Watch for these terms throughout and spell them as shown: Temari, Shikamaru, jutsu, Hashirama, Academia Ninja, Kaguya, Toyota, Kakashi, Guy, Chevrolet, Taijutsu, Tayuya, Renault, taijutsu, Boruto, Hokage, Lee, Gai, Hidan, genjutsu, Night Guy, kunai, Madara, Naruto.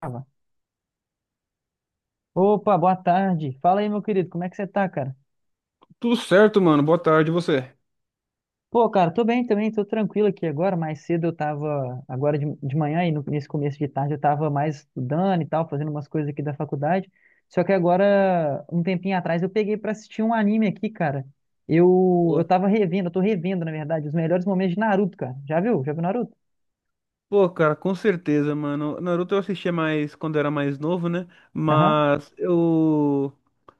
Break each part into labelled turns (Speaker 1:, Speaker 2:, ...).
Speaker 1: Tava. Opa, boa tarde. Fala aí, meu querido, como é que você tá, cara?
Speaker 2: Tudo certo, mano. Boa tarde, e você?
Speaker 1: Pô, cara, tô bem também, tô tranquilo aqui agora. Mais cedo eu tava, agora de manhã e nesse começo de tarde eu tava mais estudando e tal, fazendo umas coisas aqui da faculdade. Só que agora, um tempinho atrás, eu peguei pra assistir um anime aqui, cara. Eu
Speaker 2: Boa.
Speaker 1: tava revendo, eu tô revendo, na verdade, os melhores momentos de Naruto, cara. Já viu? Já viu Naruto?
Speaker 2: Pô, cara, com certeza, mano. Naruto eu assistia mais quando era mais novo, né?
Speaker 1: Aham.
Speaker 2: Mas eu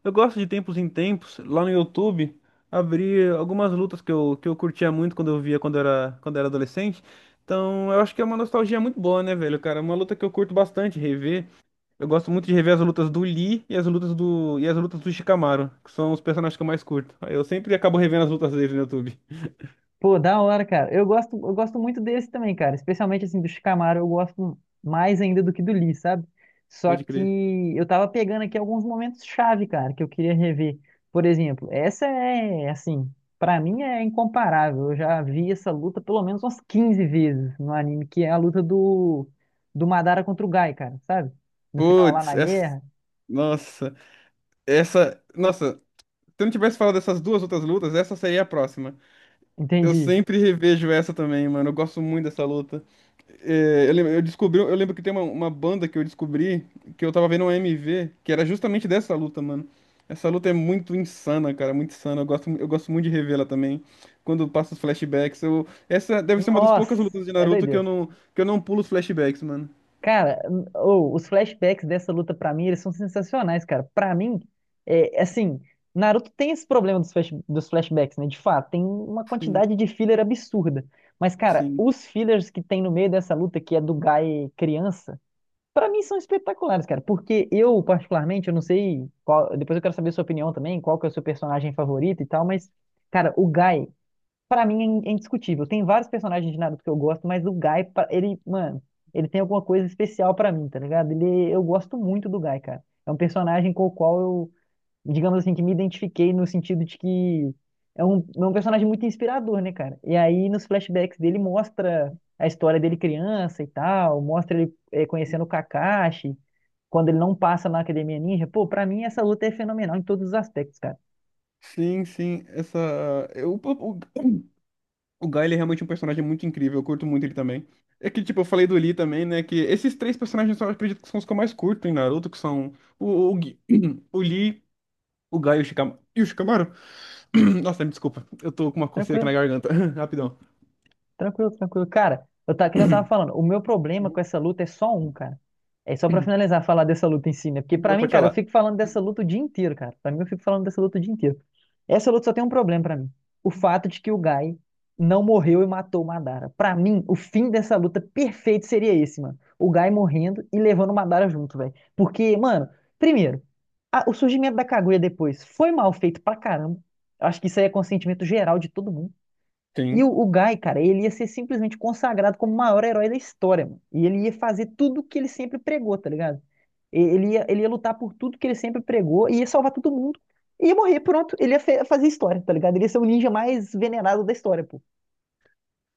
Speaker 2: eu gosto de tempos em tempos, lá no YouTube, abrir algumas lutas que eu curtia muito quando eu via quando era adolescente. Então, eu acho que é uma nostalgia muito boa, né, velho, cara? É uma luta que eu curto bastante rever. Eu gosto muito de rever as lutas do Lee e as lutas do Shikamaru, que são os personagens que eu mais curto. Aí eu sempre acabo revendo as lutas deles no YouTube.
Speaker 1: Pô, da hora, cara. Eu gosto muito desse também, cara. Especialmente assim do Shikamaru, eu gosto mais ainda do que do Lee, sabe? Só
Speaker 2: Pode
Speaker 1: que
Speaker 2: crer.
Speaker 1: eu tava pegando aqui alguns momentos chave, cara, que eu queria rever. Por exemplo, essa é assim, pra mim é incomparável. Eu já vi essa luta pelo menos umas 15 vezes no anime, que é a luta do Madara contra o Gai, cara, sabe? No final lá
Speaker 2: Putz,
Speaker 1: na
Speaker 2: essa.
Speaker 1: guerra.
Speaker 2: Nossa, essa. Nossa, se eu não tivesse falado dessas duas outras lutas, essa seria a próxima. Eu
Speaker 1: Entendi.
Speaker 2: sempre revejo essa também, mano. Eu gosto muito dessa luta. Eu descobri, eu lembro que tem uma banda que eu descobri que eu tava vendo um MV, que era justamente dessa luta, mano. Essa luta é muito insana, cara, muito insana. Eu gosto muito de revê-la também. Quando passa os flashbacks, essa deve ser uma das poucas
Speaker 1: Nossa,
Speaker 2: lutas de
Speaker 1: é
Speaker 2: Naruto
Speaker 1: doideira.
Speaker 2: que eu não pulo os flashbacks, mano.
Speaker 1: Cara, ô, os flashbacks dessa luta pra mim, eles são sensacionais, cara. Pra mim, é assim, Naruto tem esse problema dos, dos flashbacks, né? De fato, tem uma
Speaker 2: Sim,
Speaker 1: quantidade de filler absurda. Mas, cara,
Speaker 2: sim.
Speaker 1: os fillers que tem no meio dessa luta, que é do Gai criança, pra mim são espetaculares, cara. Porque eu, particularmente, eu não sei qual, depois eu quero saber a sua opinião também, qual que é o seu personagem favorito e tal, mas, cara, o Gai pra mim é indiscutível. Tem vários personagens de Naruto que eu gosto, mas o Gai, ele, mano, ele tem alguma coisa especial pra mim, tá ligado? Ele, eu gosto muito do Gai, cara. É um personagem com o qual eu, digamos assim, que me identifiquei no sentido de que é um personagem muito inspirador, né, cara? E aí nos flashbacks dele mostra a história dele criança e tal, mostra ele conhecendo o Kakashi, quando ele não passa na Academia Ninja. Pô, pra mim essa luta é fenomenal em todos os aspectos, cara.
Speaker 2: Sim, sim, essa. Eu, o Guy, ele é realmente um personagem muito incrível, eu curto muito ele também. É que, tipo, eu falei do Lee também, né? Que esses três personagens eu acredito que são os que eu mais curto em Naruto, que são o, o, Gui- o Lee, o Guy e o Shikamaru. E o Shikamaru? Nossa, me desculpa, eu tô com uma coceira aqui na
Speaker 1: Tranquilo.
Speaker 2: garganta. Rapidão.
Speaker 1: Tranquilo, tranquilo. Cara, eu tá, que nem eu tava falando, o meu problema com essa luta é só um, cara. É só pra finalizar, falar dessa luta em si, né? Porque
Speaker 2: Não
Speaker 1: pra mim,
Speaker 2: pode
Speaker 1: cara, eu
Speaker 2: falar.
Speaker 1: fico falando dessa luta o dia inteiro, cara. Pra mim, eu fico falando dessa luta o dia inteiro. Essa luta só tem um problema pra mim. O fato de que o Gai não morreu e matou o Madara. Pra mim, o fim dessa luta perfeito seria esse, mano. O Gai morrendo e levando o Madara junto, velho. Porque, mano, primeiro, o surgimento da Kaguya depois foi mal feito pra caramba. Eu acho que isso aí é consentimento geral de todo mundo. E o,
Speaker 2: Sim.
Speaker 1: o Guy, cara, ele ia ser simplesmente consagrado como o maior herói da história, mano. E ele ia fazer tudo o que ele sempre pregou, tá ligado? Ele ia lutar por tudo que ele sempre pregou, e ia salvar todo mundo, e ia morrer, pronto. Ele ia fazer história, tá ligado? Ele ia ser o ninja mais venerado da história, pô.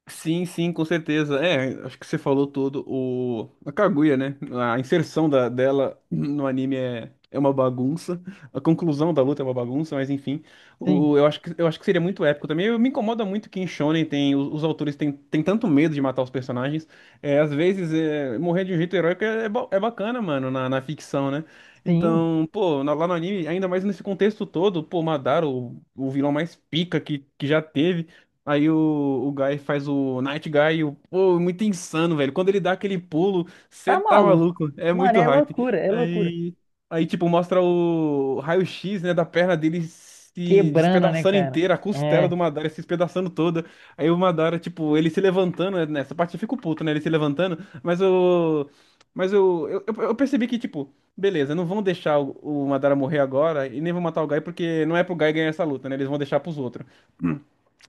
Speaker 2: Sim, sim, com certeza. É, acho que você falou tudo. O... A Kaguya, né? A inserção dela no anime é uma bagunça. A conclusão da luta é uma bagunça, mas enfim. O,
Speaker 1: Sim,
Speaker 2: eu acho eu acho que seria muito épico também. Eu, me incomoda muito que em Shonen tem, os autores têm tanto medo de matar os personagens. É, às vezes, é, morrer de um jeito heróico é bacana, mano, na ficção, né?
Speaker 1: sim.
Speaker 2: Então, pô, na- lá no anime, ainda mais nesse contexto todo, pô, Madara, o vilão mais pica que já teve. Aí o, o Guy faz o Night Guy, e o, pô, é muito insano, velho. Quando ele dá aquele pulo, você
Speaker 1: Tá
Speaker 2: tá
Speaker 1: maluco.
Speaker 2: maluco, é
Speaker 1: Mano,
Speaker 2: muito
Speaker 1: é
Speaker 2: hype.
Speaker 1: loucura, é loucura.
Speaker 2: Aí, aí tipo, mostra o raio-x, né, da perna dele se
Speaker 1: Quebrando, né,
Speaker 2: despedaçando
Speaker 1: cara?
Speaker 2: inteira, a costela
Speaker 1: É.
Speaker 2: do Madara se despedaçando toda. Aí o Madara, tipo, ele se levantando, né, nessa parte eu fico puto, né, ele se levantando, mas o... Mas eu percebi que, tipo, beleza, não vão deixar o Madara morrer agora e nem vão matar o Guy porque não é pro Guy ganhar essa luta, né? Eles vão deixar pros outros.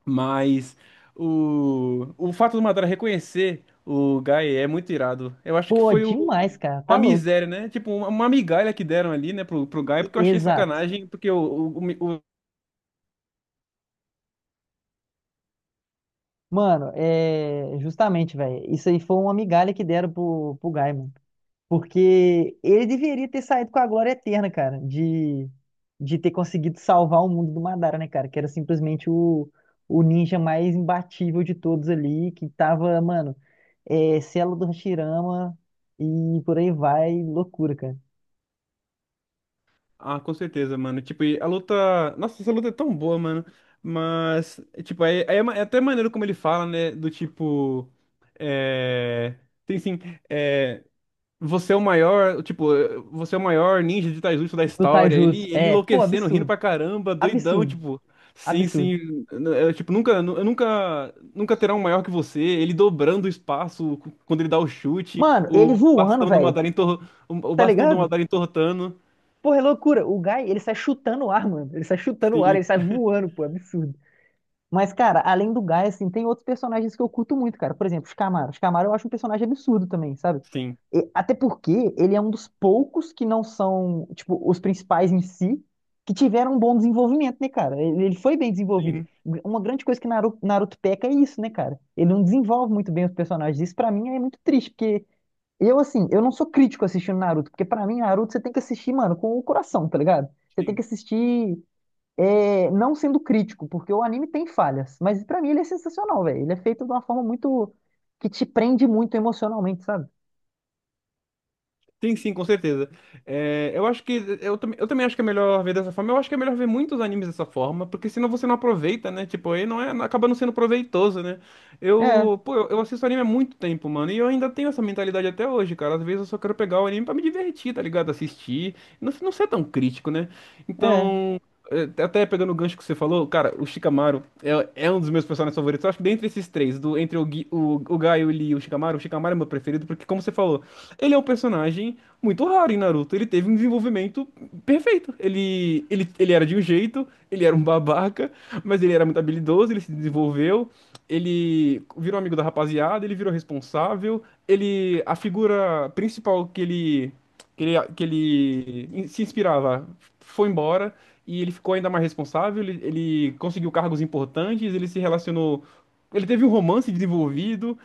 Speaker 2: Mas o fato do Madara reconhecer o Gai é muito irado. Eu acho que
Speaker 1: Pô,
Speaker 2: foi o-
Speaker 1: demais, cara. Tá
Speaker 2: uma
Speaker 1: louco.
Speaker 2: miséria, né? Tipo, uma migalha que deram ali, né, pro Gai, porque eu achei
Speaker 1: Exato.
Speaker 2: sacanagem, porque
Speaker 1: Mano, é justamente, velho. Isso aí foi uma migalha que deram pro, pro Guy, mano. Porque ele deveria ter saído com a glória eterna, cara, de ter conseguido salvar o mundo do Madara, né, cara? Que era simplesmente o ninja mais imbatível de todos ali, que tava, mano, é, selo do Hashirama e por aí vai, loucura, cara.
Speaker 2: Ah, com certeza, mano. Tipo, e a luta. Nossa, essa luta é tão boa, mano. Mas, tipo, aí é, ma- é até maneiro como ele fala, né? Do tipo. É. Tem sim. é, Você é o maior, tipo, você é o maior ninja de taijutsu da
Speaker 1: Do
Speaker 2: história.
Speaker 1: Taijutsu,
Speaker 2: Ele
Speaker 1: é, pô,
Speaker 2: enlouquecendo, rindo
Speaker 1: absurdo,
Speaker 2: pra caramba, doidão,
Speaker 1: absurdo,
Speaker 2: tipo. Sim,
Speaker 1: absurdo.
Speaker 2: sim. Tipo, nunca, eu nunca, nunca terá um maior que você. Ele dobrando o espaço cu- quando ele dá o chute,
Speaker 1: Mano, ele voando, velho,
Speaker 2: O
Speaker 1: tá
Speaker 2: bastão do
Speaker 1: ligado?
Speaker 2: Madara entortando.
Speaker 1: Porra, é loucura. O Guy, ele sai chutando o ar, mano. Ele sai chutando o ar, ele
Speaker 2: Sim,
Speaker 1: sai voando, pô, absurdo. Mas, cara, além do Guy, assim, tem outros personagens que eu curto muito, cara. Por exemplo, Shikamaru. Shikamaru eu acho um personagem absurdo também, sabe?
Speaker 2: sim,
Speaker 1: Até porque ele é um dos poucos que não são, tipo, os principais em si, que tiveram um bom desenvolvimento, né, cara? Ele foi bem desenvolvido.
Speaker 2: sim,
Speaker 1: Uma grande coisa que Naruto peca é isso, né, cara? Ele não desenvolve muito bem os personagens. Isso pra mim é muito triste, porque eu, assim, eu não sou crítico assistindo Naruto, porque pra mim, Naruto você tem que assistir, mano, com o coração, tá ligado? Você tem que
Speaker 2: sim.
Speaker 1: assistir não sendo crítico, porque o anime tem falhas, mas pra mim ele é sensacional, velho. Ele é feito de uma forma muito que te prende muito emocionalmente, sabe?
Speaker 2: Sim, sim, com certeza. É, eu acho eu também acho que é melhor ver dessa forma. Eu acho que é melhor ver muitos animes dessa forma, porque senão você não aproveita, né? Tipo, aí não é, acaba não sendo proveitoso, né?
Speaker 1: É,
Speaker 2: Eu assisto anime há muito tempo, mano, e eu ainda tenho essa mentalidade até hoje, cara. Às vezes eu só quero pegar o anime pra me divertir, tá ligado? Assistir, não ser tão crítico, né?
Speaker 1: é.
Speaker 2: Então, até pegando o gancho que você falou, cara, é um dos meus personagens favoritos. Eu acho que dentre esses três, do, entre o, Gui, o Gaio, o Lee e o Shikamaru é meu preferido, porque, como você falou, ele é um personagem muito raro em Naruto. Ele teve um desenvolvimento perfeito. Ele era de um jeito, ele era um babaca, mas ele era muito habilidoso, ele se desenvolveu, ele virou amigo da rapaziada, ele virou responsável, ele, a figura principal que ele se inspirava, foi embora e ele ficou ainda mais responsável. Ele conseguiu cargos importantes, ele se relacionou, ele teve um romance desenvolvido.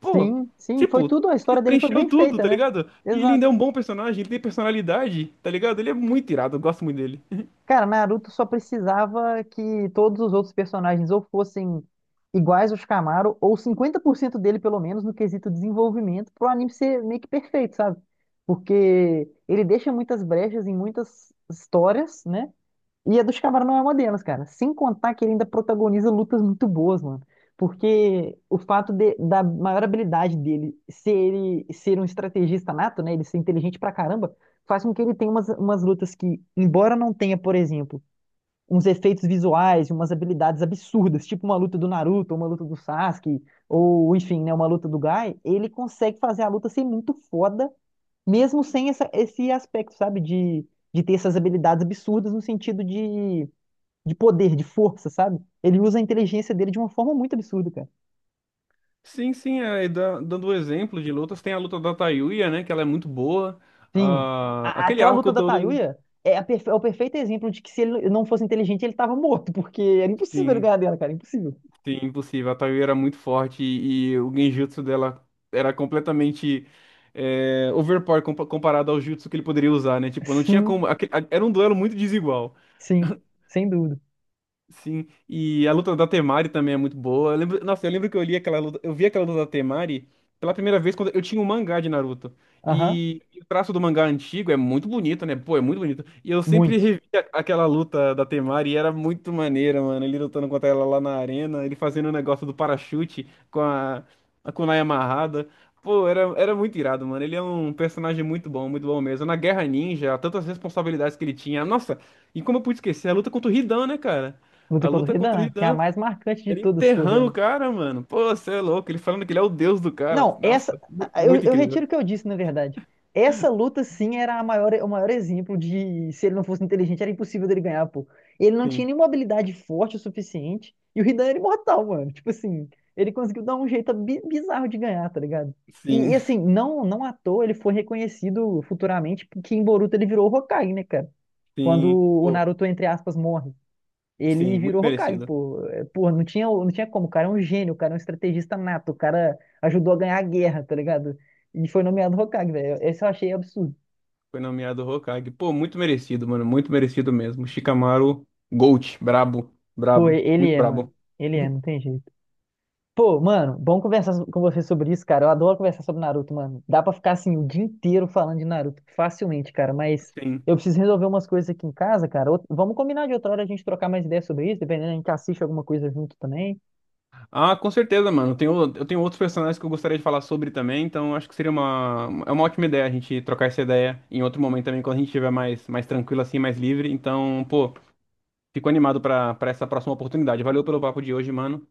Speaker 2: Pô,
Speaker 1: Sim, sim, foi
Speaker 2: tipo,
Speaker 1: tudo, a
Speaker 2: ele
Speaker 1: história dele foi
Speaker 2: preencheu
Speaker 1: bem
Speaker 2: tudo,
Speaker 1: feita,
Speaker 2: tá
Speaker 1: né?
Speaker 2: ligado? E ele ainda é
Speaker 1: Exato.
Speaker 2: um bom personagem, ele tem personalidade, tá ligado? Ele é muito irado, eu gosto muito dele.
Speaker 1: Cara, Naruto só precisava que todos os outros personagens ou fossem iguais aos Kamaru, ou 50% dele, pelo menos, no quesito desenvolvimento, pro anime ser meio que perfeito, sabe? Porque ele deixa muitas brechas em muitas histórias, né? E a dos Cavara não é uma delas, cara. Sem contar que ele ainda protagoniza lutas muito boas, mano. Porque o fato da maior habilidade dele ser ele ser um estrategista nato, né? Ele ser inteligente pra caramba, faz com que ele tenha umas lutas que, embora não tenha, por exemplo, uns efeitos visuais e umas habilidades absurdas, tipo uma luta do Naruto, ou uma luta do Sasuke, ou enfim, né, uma luta do Guy, ele consegue fazer a luta ser muito foda, mesmo sem esse aspecto, sabe? De ter essas habilidades absurdas no sentido de poder, de força, sabe? Ele usa a inteligência dele de uma forma muito absurda, cara.
Speaker 2: Sim, sim, é, e da- dando o exemplo de lutas, tem a luta da Tayuya, né? Que ela é muito boa.
Speaker 1: Sim.
Speaker 2: Ah, aquele
Speaker 1: Aquela
Speaker 2: arco
Speaker 1: luta da
Speaker 2: todo.
Speaker 1: Tayuya é, a é o perfeito exemplo de que se ele não fosse inteligente, ele tava morto, porque era impossível ele
Speaker 2: Sim.
Speaker 1: ganhar dela, cara, impossível.
Speaker 2: Sim, impossível. A Tayu era muito forte e o genjutsu dela era completamente é, overpower compa- comparado ao jutsu que ele poderia usar, né? Tipo, não tinha
Speaker 1: Sim,
Speaker 2: como. Aque- a- Era um duelo muito desigual.
Speaker 1: sim, sem dúvida.
Speaker 2: Sim, e a luta da Temari também é muito boa. Eu lembro, nossa, eu lembro que eu li aquela luta, eu vi aquela luta da Temari pela primeira vez quando eu tinha um mangá de Naruto.
Speaker 1: Aham,
Speaker 2: E o traço do mangá antigo é muito bonito, né? Pô, é muito bonito. E eu sempre
Speaker 1: muito.
Speaker 2: revi a- aquela luta da Temari e era muito maneira, mano. Ele lutando contra ela lá na arena, ele fazendo o negócio do parachute com a kunai amarrada. Pô, era muito irado, mano. Ele é um personagem muito bom mesmo. Na Guerra Ninja, tantas responsabilidades que ele tinha. Nossa, e como eu pude esquecer, a luta contra o Hidan, né, cara?
Speaker 1: Luta
Speaker 2: A
Speaker 1: contra
Speaker 2: luta
Speaker 1: o
Speaker 2: contra o
Speaker 1: Hidan, que é a
Speaker 2: Hidan.
Speaker 1: mais marcante de
Speaker 2: Ele
Speaker 1: todas, se for ver,
Speaker 2: enterrando o
Speaker 1: né?
Speaker 2: cara, mano. Pô, você é louco. Ele falando que ele é o deus do cara.
Speaker 1: Não, essa.
Speaker 2: Nossa, mu- muito
Speaker 1: Eu
Speaker 2: incrível.
Speaker 1: retiro o que eu disse, na verdade. Essa luta, sim, era a maior, o maior exemplo de se ele não fosse inteligente, era impossível dele ganhar, pô. Ele não tinha
Speaker 2: Sim,
Speaker 1: nenhuma habilidade forte o suficiente. E o Hidan era imortal, mano. Tipo assim, ele conseguiu dar um jeito bizarro de ganhar, tá ligado?
Speaker 2: sim,
Speaker 1: Assim, não, não à toa ele foi reconhecido futuramente porque em Boruto ele virou o Hokage, né, cara? Quando
Speaker 2: sim.
Speaker 1: o
Speaker 2: Pô,
Speaker 1: Naruto, entre aspas, morre.
Speaker 2: sim,
Speaker 1: Ele
Speaker 2: muito
Speaker 1: virou Hokage,
Speaker 2: merecido.
Speaker 1: pô. É, porra, não tinha, não tinha como. O cara é um gênio, o cara é um estrategista nato, o cara ajudou a ganhar a guerra, tá ligado? E foi nomeado Hokage, velho. Esse eu achei absurdo.
Speaker 2: Foi nomeado Hokage. Pô, muito merecido, mano. Muito merecido mesmo. Shikamaru Gold. Brabo,
Speaker 1: Pô,
Speaker 2: brabo.
Speaker 1: ele
Speaker 2: Muito
Speaker 1: é, mano.
Speaker 2: brabo.
Speaker 1: Ele é, não tem jeito. Pô, mano, bom conversar com você sobre isso, cara. Eu adoro conversar sobre Naruto, mano. Dá pra ficar assim o dia inteiro falando de Naruto facilmente, cara. Mas
Speaker 2: Sim.
Speaker 1: eu preciso resolver umas coisas aqui em casa, cara. Vamos combinar de outra hora a gente trocar mais ideias sobre isso, dependendo, a gente assiste alguma coisa junto também.
Speaker 2: Ah, com certeza, mano. Eu tenho outros personagens que eu gostaria de falar sobre também. Então, acho que seria uma, é uma ótima ideia a gente trocar essa ideia em outro momento também, quando a gente estiver mais, mais tranquilo assim, mais livre. Então, pô. Fico animado para essa próxima oportunidade. Valeu pelo papo de hoje, mano.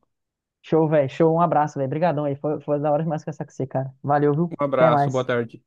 Speaker 1: Show, velho. Show. Um abraço, velho. Obrigadão aí. Foi, foi da hora demais conversar com você, cara. Valeu, viu?
Speaker 2: Um
Speaker 1: Até
Speaker 2: abraço, boa
Speaker 1: mais.
Speaker 2: tarde.